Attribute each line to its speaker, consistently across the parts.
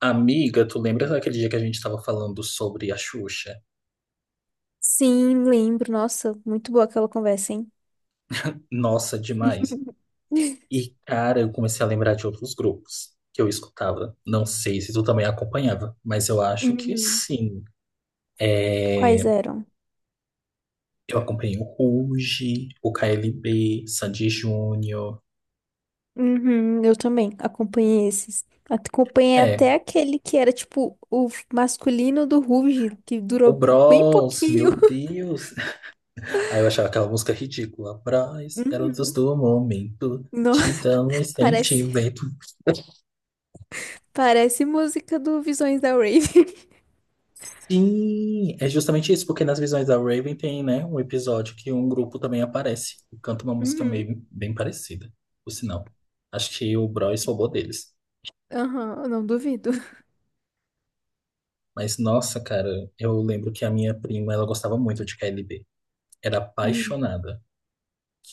Speaker 1: Amiga, tu lembra daquele dia que a gente estava falando sobre a Xuxa?
Speaker 2: Sim, lembro. Nossa, muito boa aquela conversa, hein?
Speaker 1: Nossa, demais. E, cara, eu comecei a lembrar de outros grupos que eu escutava. Não sei se tu também acompanhava, mas eu acho que
Speaker 2: Uhum.
Speaker 1: sim.
Speaker 2: Quais
Speaker 1: É,
Speaker 2: eram?
Speaker 1: eu acompanhei o Ruge, o KLB, Sandy Júnior.
Speaker 2: Uhum, eu também acompanhei esses. Acompanhei
Speaker 1: É,
Speaker 2: até aquele que era tipo o masculino do Ruge, que
Speaker 1: o
Speaker 2: durou bem
Speaker 1: Bros, meu
Speaker 2: pouquinho.
Speaker 1: Deus. Aí eu achava aquela música ridícula. Bros, garotos
Speaker 2: Uhum.
Speaker 1: do momento,
Speaker 2: Não,
Speaker 1: te dão um
Speaker 2: parece,
Speaker 1: sentimento.
Speaker 2: parece música do Visões da Rave.
Speaker 1: Sim, é justamente isso, porque nas visões da Raven tem, né, um episódio que um grupo também aparece e canta uma música
Speaker 2: Uhum.
Speaker 1: meio bem parecida, por sinal. Acho que o Bros roubou deles.
Speaker 2: Aham, eu não duvido.
Speaker 1: Mas nossa, cara, eu lembro que a minha prima, ela gostava muito de KLB. Era
Speaker 2: Uhum.
Speaker 1: apaixonada.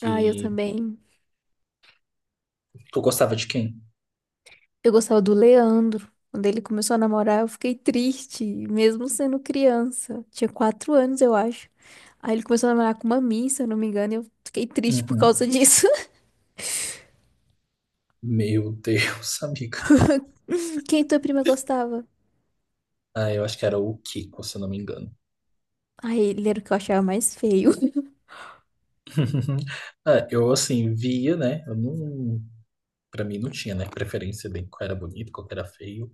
Speaker 2: Ah, eu também.
Speaker 1: tu gostava de quem?
Speaker 2: Eu gostava do Leandro. Quando ele começou a namorar, eu fiquei triste, mesmo sendo criança. Tinha 4 anos, eu acho. Aí ele começou a namorar com uma Miss, se eu não me engano, e eu fiquei triste por causa
Speaker 1: Uhum.
Speaker 2: disso.
Speaker 1: Meu Deus, amiga.
Speaker 2: Quem tua prima gostava?
Speaker 1: Ah, eu acho que era o Kiko, se eu não me engano.
Speaker 2: Aí ele era o que eu achava mais feio.
Speaker 1: Ah, eu assim via, né? Eu não, para mim não tinha, né, preferência de qual era bonito, qual era feio.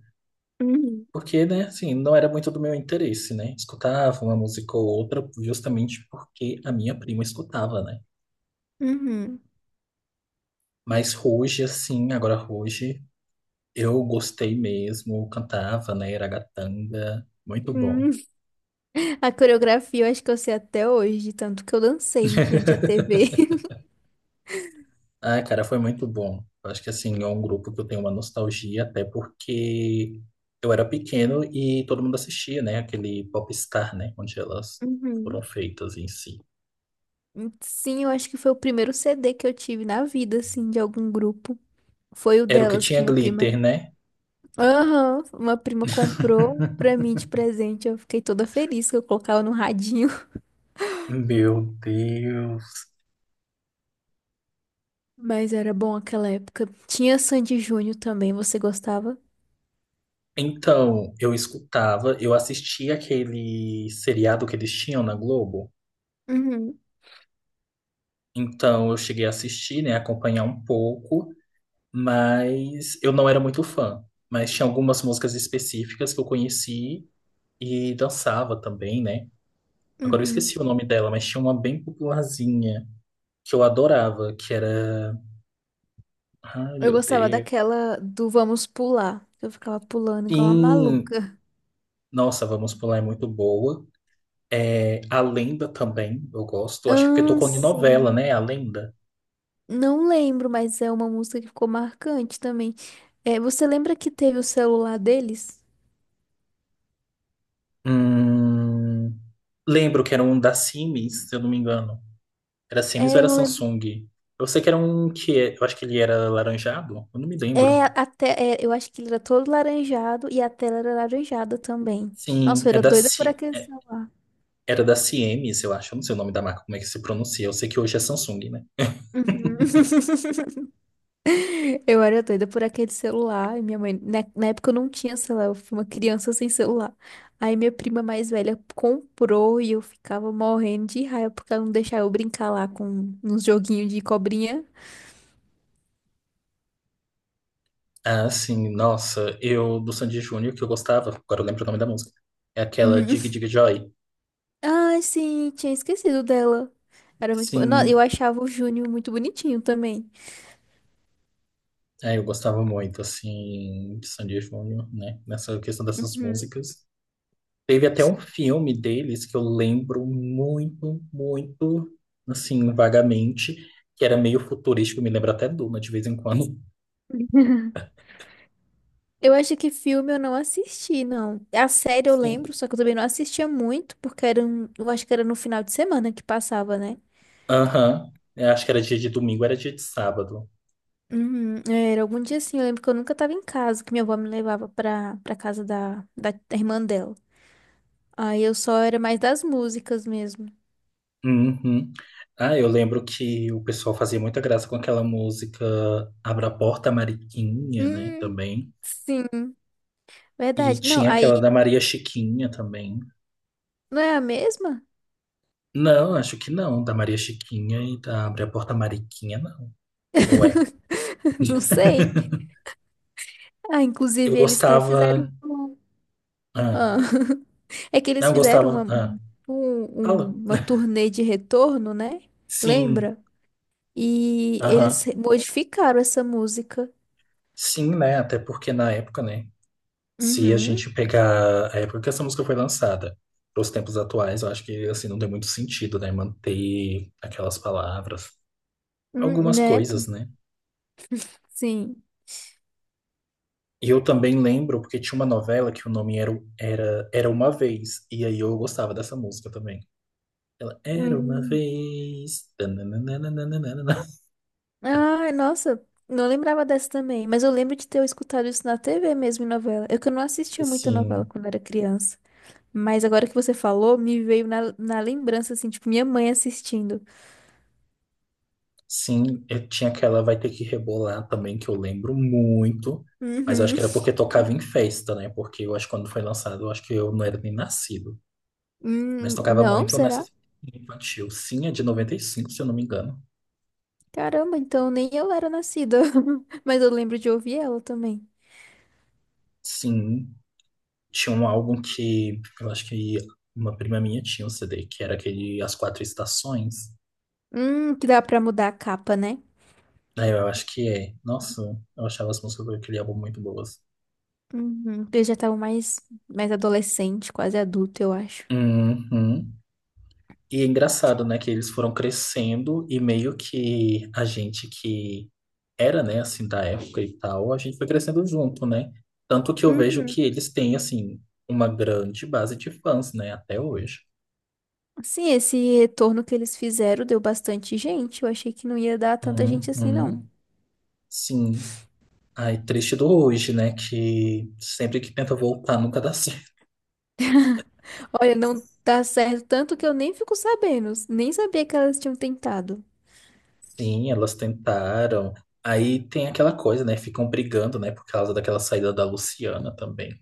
Speaker 2: Uhum.
Speaker 1: Porque, né, assim, não era muito do meu interesse, né? Escutava uma música ou outra justamente porque a minha prima escutava, né?
Speaker 2: Uhum.
Speaker 1: Mas hoje, assim, agora hoje, eu gostei mesmo, cantava, né? Iragatanga, muito bom.
Speaker 2: Uhum. A coreografia eu acho que eu sei até hoje, tanto que eu dancei em frente à TV.
Speaker 1: Ah, cara, foi muito bom. Eu acho que, assim, é um grupo que eu tenho uma nostalgia, até porque eu era pequeno e todo mundo assistia, né? Aquele Popstar, né? Onde elas foram
Speaker 2: Uhum.
Speaker 1: feitas em si.
Speaker 2: Sim, eu acho que foi o primeiro CD que eu tive na vida, assim, de algum grupo. Foi o
Speaker 1: Era o que
Speaker 2: delas que
Speaker 1: tinha
Speaker 2: minha
Speaker 1: glitter,
Speaker 2: prima.
Speaker 1: né?
Speaker 2: Aham, uma prima comprou pra mim de presente. Eu fiquei toda feliz que eu colocava no radinho.
Speaker 1: Meu Deus.
Speaker 2: Mas era bom aquela época. Tinha Sandy Júnior também, você gostava?
Speaker 1: Então, eu escutava, eu assistia aquele seriado que eles tinham na Globo.
Speaker 2: Uhum,
Speaker 1: Então, eu cheguei a assistir, né, acompanhar um pouco, mas eu não era muito fã. Mas tinha algumas músicas específicas que eu conheci e dançava também, né? Agora eu
Speaker 2: uhum.
Speaker 1: esqueci o nome dela, mas tinha uma bem popularzinha que eu adorava, que era. Ai,
Speaker 2: Eu
Speaker 1: meu
Speaker 2: gostava
Speaker 1: Deus.
Speaker 2: daquela do Vamos Pular. Eu ficava pulando igual uma
Speaker 1: Sim,
Speaker 2: maluca.
Speaker 1: nossa, Vamos Pular é muito boa. É, A Lenda também, eu gosto. Acho que porque
Speaker 2: Ah,
Speaker 1: tocou em novela,
Speaker 2: sim.
Speaker 1: né? A Lenda.
Speaker 2: Não lembro, mas é uma música que ficou marcante também. É, você lembra que teve o celular deles?
Speaker 1: Hum, lembro que era um da Siemens, se eu não me engano. Era Siemens ou
Speaker 2: É, eu
Speaker 1: era
Speaker 2: não lembro.
Speaker 1: Samsung? Eu sei que era um eu acho que ele era laranjado, eu não me
Speaker 2: É,
Speaker 1: lembro.
Speaker 2: até, é, eu acho que ele era todo laranjado e a tela era laranjada também.
Speaker 1: Sim,
Speaker 2: Nossa, eu era doida por aquele celular.
Speaker 1: Era da Siemens, eu acho. Eu não sei o nome da marca, como é que se pronuncia. Eu sei que hoje é Samsung, né?
Speaker 2: Uhum. Eu era doida por aquele celular. E minha mãe, na época eu não tinha celular, eu fui uma criança sem celular. Aí minha prima mais velha comprou e eu ficava morrendo de raiva porque ela não deixava eu brincar lá com uns joguinhos de cobrinha.
Speaker 1: Ah, sim, nossa, eu do Sandy Júnior que eu gostava, agora eu lembro o nome da música. É aquela
Speaker 2: Uhum.
Speaker 1: Dig Dig Joy.
Speaker 2: Ai, sim, tinha esquecido dela. Era muito bom. Eu
Speaker 1: Sim,
Speaker 2: achava o Júnior muito bonitinho também.
Speaker 1: é, eu gostava muito, assim, de Sandy Júnior, né? Nessa questão dessas
Speaker 2: Uhum.
Speaker 1: músicas. Teve até um filme deles que eu lembro muito, muito, assim, vagamente, que era meio futurístico, me lembra até Duna de vez em quando.
Speaker 2: Eu acho que filme eu não assisti, não. A série eu
Speaker 1: Sim.
Speaker 2: lembro, só que eu também não assistia muito, porque era um, eu acho que era no final de semana que passava, né?
Speaker 1: Aham. Eu acho que era dia de domingo, era dia de sábado.
Speaker 2: Uhum, é, era algum dia assim, eu lembro que eu nunca tava em casa, que minha avó me levava pra casa da irmã dela. Aí eu só era mais das músicas mesmo.
Speaker 1: Uhum. Ah, eu lembro que o pessoal fazia muita graça com aquela música Abra a Porta, Mariquinha, né?
Speaker 2: Hum,
Speaker 1: Também.
Speaker 2: sim,
Speaker 1: E
Speaker 2: verdade. Não,
Speaker 1: tinha
Speaker 2: aí
Speaker 1: aquela da Maria Chiquinha também.
Speaker 2: não é a mesma?
Speaker 1: Não, acho que não. Da Maria Chiquinha e da Abre a Porta, Mariquinha, não. Ou é?
Speaker 2: Não sei. Ah,
Speaker 1: Eu
Speaker 2: inclusive eles até fizeram.
Speaker 1: gostava. Ah,
Speaker 2: Ah, É que eles
Speaker 1: não
Speaker 2: fizeram
Speaker 1: gostava. Ah, fala.
Speaker 2: uma turnê de retorno, né?
Speaker 1: Sim,
Speaker 2: Lembra? E eles
Speaker 1: aham.
Speaker 2: modificaram essa música.
Speaker 1: Sim, né? Até porque na época, né? Se a
Speaker 2: Uhum.
Speaker 1: gente pegar a época que essa música foi lançada, para os tempos atuais, eu acho que assim não tem muito sentido, né? Manter aquelas palavras, algumas
Speaker 2: Né?
Speaker 1: coisas, né?
Speaker 2: Sim.
Speaker 1: E eu também lembro porque tinha uma novela que o nome era era uma vez e aí eu gostava dessa música também. Ela era uma
Speaker 2: Hum.
Speaker 1: vez. Tananana.
Speaker 2: Ai, nossa, não lembrava dessa também. Mas eu lembro de ter escutado isso na TV mesmo, em novela. Eu que eu não assistia muita novela
Speaker 1: Sim.
Speaker 2: quando era criança. Mas agora que você falou, me veio na lembrança, assim, tipo, minha mãe assistindo.
Speaker 1: Sim, eu tinha aquela Vai Ter Que Rebolar também, que eu lembro muito, mas eu acho
Speaker 2: Uhum.
Speaker 1: que era porque tocava em festa, né? Porque eu acho que quando foi lançado, eu acho que eu não era nem nascido, mas tocava
Speaker 2: Não,
Speaker 1: muito nessa
Speaker 2: será?
Speaker 1: infantil. Sim, é de 95 se eu não me engano.
Speaker 2: Caramba, então nem eu era nascida. Mas eu lembro de ouvir ela também.
Speaker 1: Sim, tinha um álbum que eu acho que uma prima minha tinha um CD, que era aquele As Quatro Estações.
Speaker 2: Que dá pra mudar a capa, né?
Speaker 1: Aí eu acho que é. Nossa, eu achava as músicas daquele álbum muito boas.
Speaker 2: Uhum. Eu já tava mais adolescente, quase adulto, eu acho.
Speaker 1: Uhum. E é engraçado, né, que eles foram crescendo e meio que a gente que era, né, assim, da época e tal, a gente foi crescendo junto, né? Tanto que eu vejo
Speaker 2: Uhum.
Speaker 1: que eles têm, assim, uma grande base de fãs, né, até hoje.
Speaker 2: Sim, esse retorno que eles fizeram deu bastante gente. Eu achei que não ia dar tanta gente assim,
Speaker 1: Uhum.
Speaker 2: não.
Speaker 1: Sim. Ai, triste do hoje, né, que sempre que tenta voltar nunca dá certo.
Speaker 2: Olha, não dá certo tanto que eu nem fico sabendo. Nem sabia que elas tinham tentado.
Speaker 1: Sim, elas tentaram. Aí tem aquela coisa, né, ficam brigando, né, por causa daquela saída da Luciana também.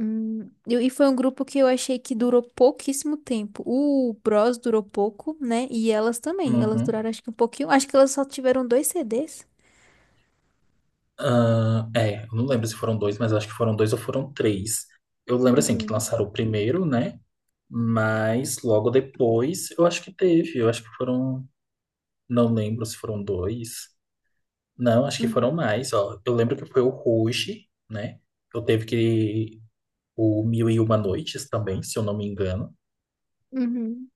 Speaker 2: E foi um grupo que eu achei que durou pouquíssimo tempo. O Bros durou pouco, né? E elas também. Elas
Speaker 1: Uhum.
Speaker 2: duraram acho que um pouquinho. Acho que elas só tiveram dois CDs.
Speaker 1: Ah, é, eu não lembro se foram dois, mas acho que foram dois ou foram três. Eu lembro assim que
Speaker 2: Uhum,
Speaker 1: lançaram o primeiro, né? Mas logo depois eu acho que teve. Eu acho que foram. Não lembro se foram dois. Não, acho que foram
Speaker 2: uhum,
Speaker 1: mais. Ó, eu lembro que foi o Ruge, né? Eu teve que. O Mil e Uma Noites também, se eu não me engano.
Speaker 2: uhum.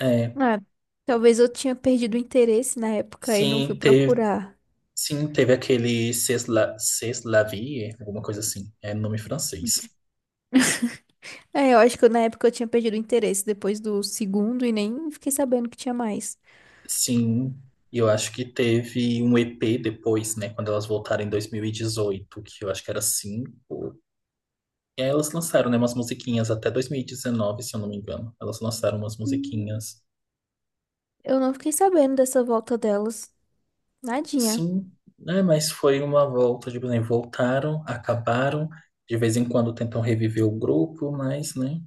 Speaker 1: É,
Speaker 2: Ah, talvez eu tinha perdido o interesse na época e não fui
Speaker 1: sim, teve,
Speaker 2: procurar.
Speaker 1: sim, teve aquele C'est la vie, alguma coisa assim. É nome francês.
Speaker 2: É, eu acho que na época eu tinha perdido o interesse depois do segundo e nem fiquei sabendo que tinha mais.
Speaker 1: Sim, e eu acho que teve um EP depois, né, quando elas voltaram em 2018 que eu acho que era cinco. E aí elas lançaram, né, umas musiquinhas até 2019, se eu não me engano. Elas lançaram umas
Speaker 2: Hum.
Speaker 1: musiquinhas.
Speaker 2: Eu não fiquei sabendo dessa volta delas. Nadinha.
Speaker 1: Sim, né, mas foi uma volta, tipo, né, voltaram, acabaram. De vez em quando tentam reviver o grupo, mas, né,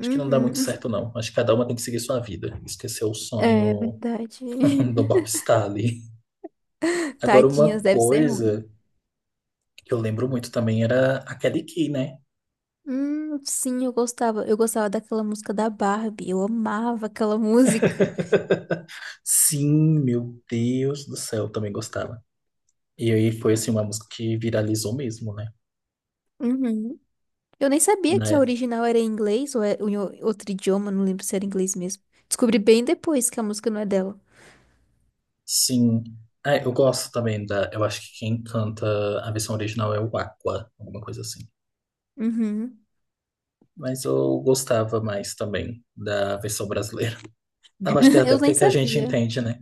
Speaker 1: acho que não dá muito
Speaker 2: Uhum.
Speaker 1: certo, não. Acho que cada uma tem que seguir sua vida, esquecer o
Speaker 2: É
Speaker 1: sonho
Speaker 2: verdade.
Speaker 1: do Bob ali. Agora, uma
Speaker 2: Tadinhas, deve ser ruim.
Speaker 1: coisa que eu lembro muito também era a Kelly Key, né?
Speaker 2: Sim, eu gostava. Eu gostava daquela música da Barbie. Eu amava aquela música.
Speaker 1: Sim, meu Deus do céu, eu também gostava. E aí foi assim uma música que viralizou mesmo, né?
Speaker 2: Uhum. Eu nem sabia que a
Speaker 1: Né?
Speaker 2: original era em inglês ou é ou em outro idioma, não lembro se era inglês mesmo. Descobri bem depois que a música não é dela.
Speaker 1: Sim. É, eu gosto também da. Eu acho que quem canta a versão original é o Aqua, alguma coisa assim.
Speaker 2: Uhum.
Speaker 1: Mas eu gostava mais também da versão brasileira. Eu acho que é até
Speaker 2: Eu
Speaker 1: porque
Speaker 2: nem
Speaker 1: que a gente
Speaker 2: sabia.
Speaker 1: entende, né?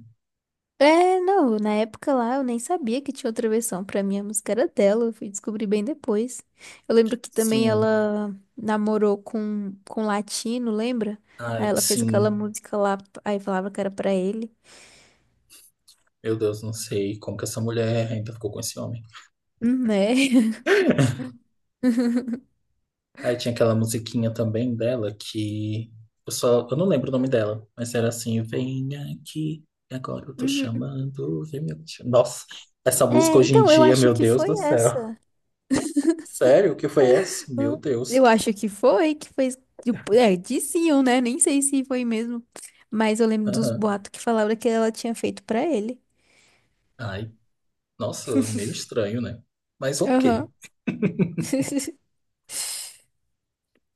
Speaker 2: É, não, na época lá eu nem sabia que tinha outra versão. Pra mim a música era dela, eu fui descobrir bem depois. Eu lembro que também
Speaker 1: Sim.
Speaker 2: ela namorou com um latino, lembra? Aí
Speaker 1: Ai,
Speaker 2: ela fez aquela
Speaker 1: sim.
Speaker 2: música lá, aí falava que era pra ele.
Speaker 1: Meu Deus, não sei como que essa mulher ainda ficou com esse homem.
Speaker 2: Né?
Speaker 1: Aí tinha aquela musiquinha também dela que eu só, eu não lembro o nome dela, mas era assim, vem aqui, agora eu tô
Speaker 2: Uhum.
Speaker 1: chamando, vem me achu-". Nossa, essa música
Speaker 2: É,
Speaker 1: hoje em
Speaker 2: então eu
Speaker 1: dia,
Speaker 2: acho
Speaker 1: meu
Speaker 2: que
Speaker 1: Deus
Speaker 2: foi
Speaker 1: do céu.
Speaker 2: essa.
Speaker 1: Sério, o que foi essa? Meu
Speaker 2: Ah,
Speaker 1: Deus.
Speaker 2: eu acho que foi, que fez, tipo, é, diziam, né? Nem sei se foi mesmo. Mas eu lembro dos
Speaker 1: Aham.
Speaker 2: boatos que falavam que ela tinha feito pra ele.
Speaker 1: Ai, nossa, meio estranho, né? Mas
Speaker 2: Aham.
Speaker 1: ok.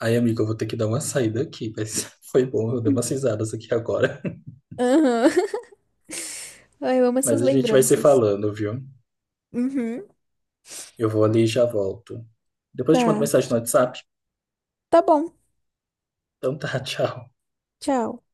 Speaker 1: Aí, amigo, eu vou ter que dar uma saída aqui, mas foi bom, eu dei umas risadas aqui agora.
Speaker 2: Aham. Ai, eu amo essas
Speaker 1: Mas a gente vai se
Speaker 2: lembranças.
Speaker 1: falando, viu?
Speaker 2: Uhum.
Speaker 1: Eu vou ali e já volto. Depois eu te mando
Speaker 2: Tá.
Speaker 1: mensagem no WhatsApp.
Speaker 2: Tá bom.
Speaker 1: Então tá, tchau.
Speaker 2: Tchau.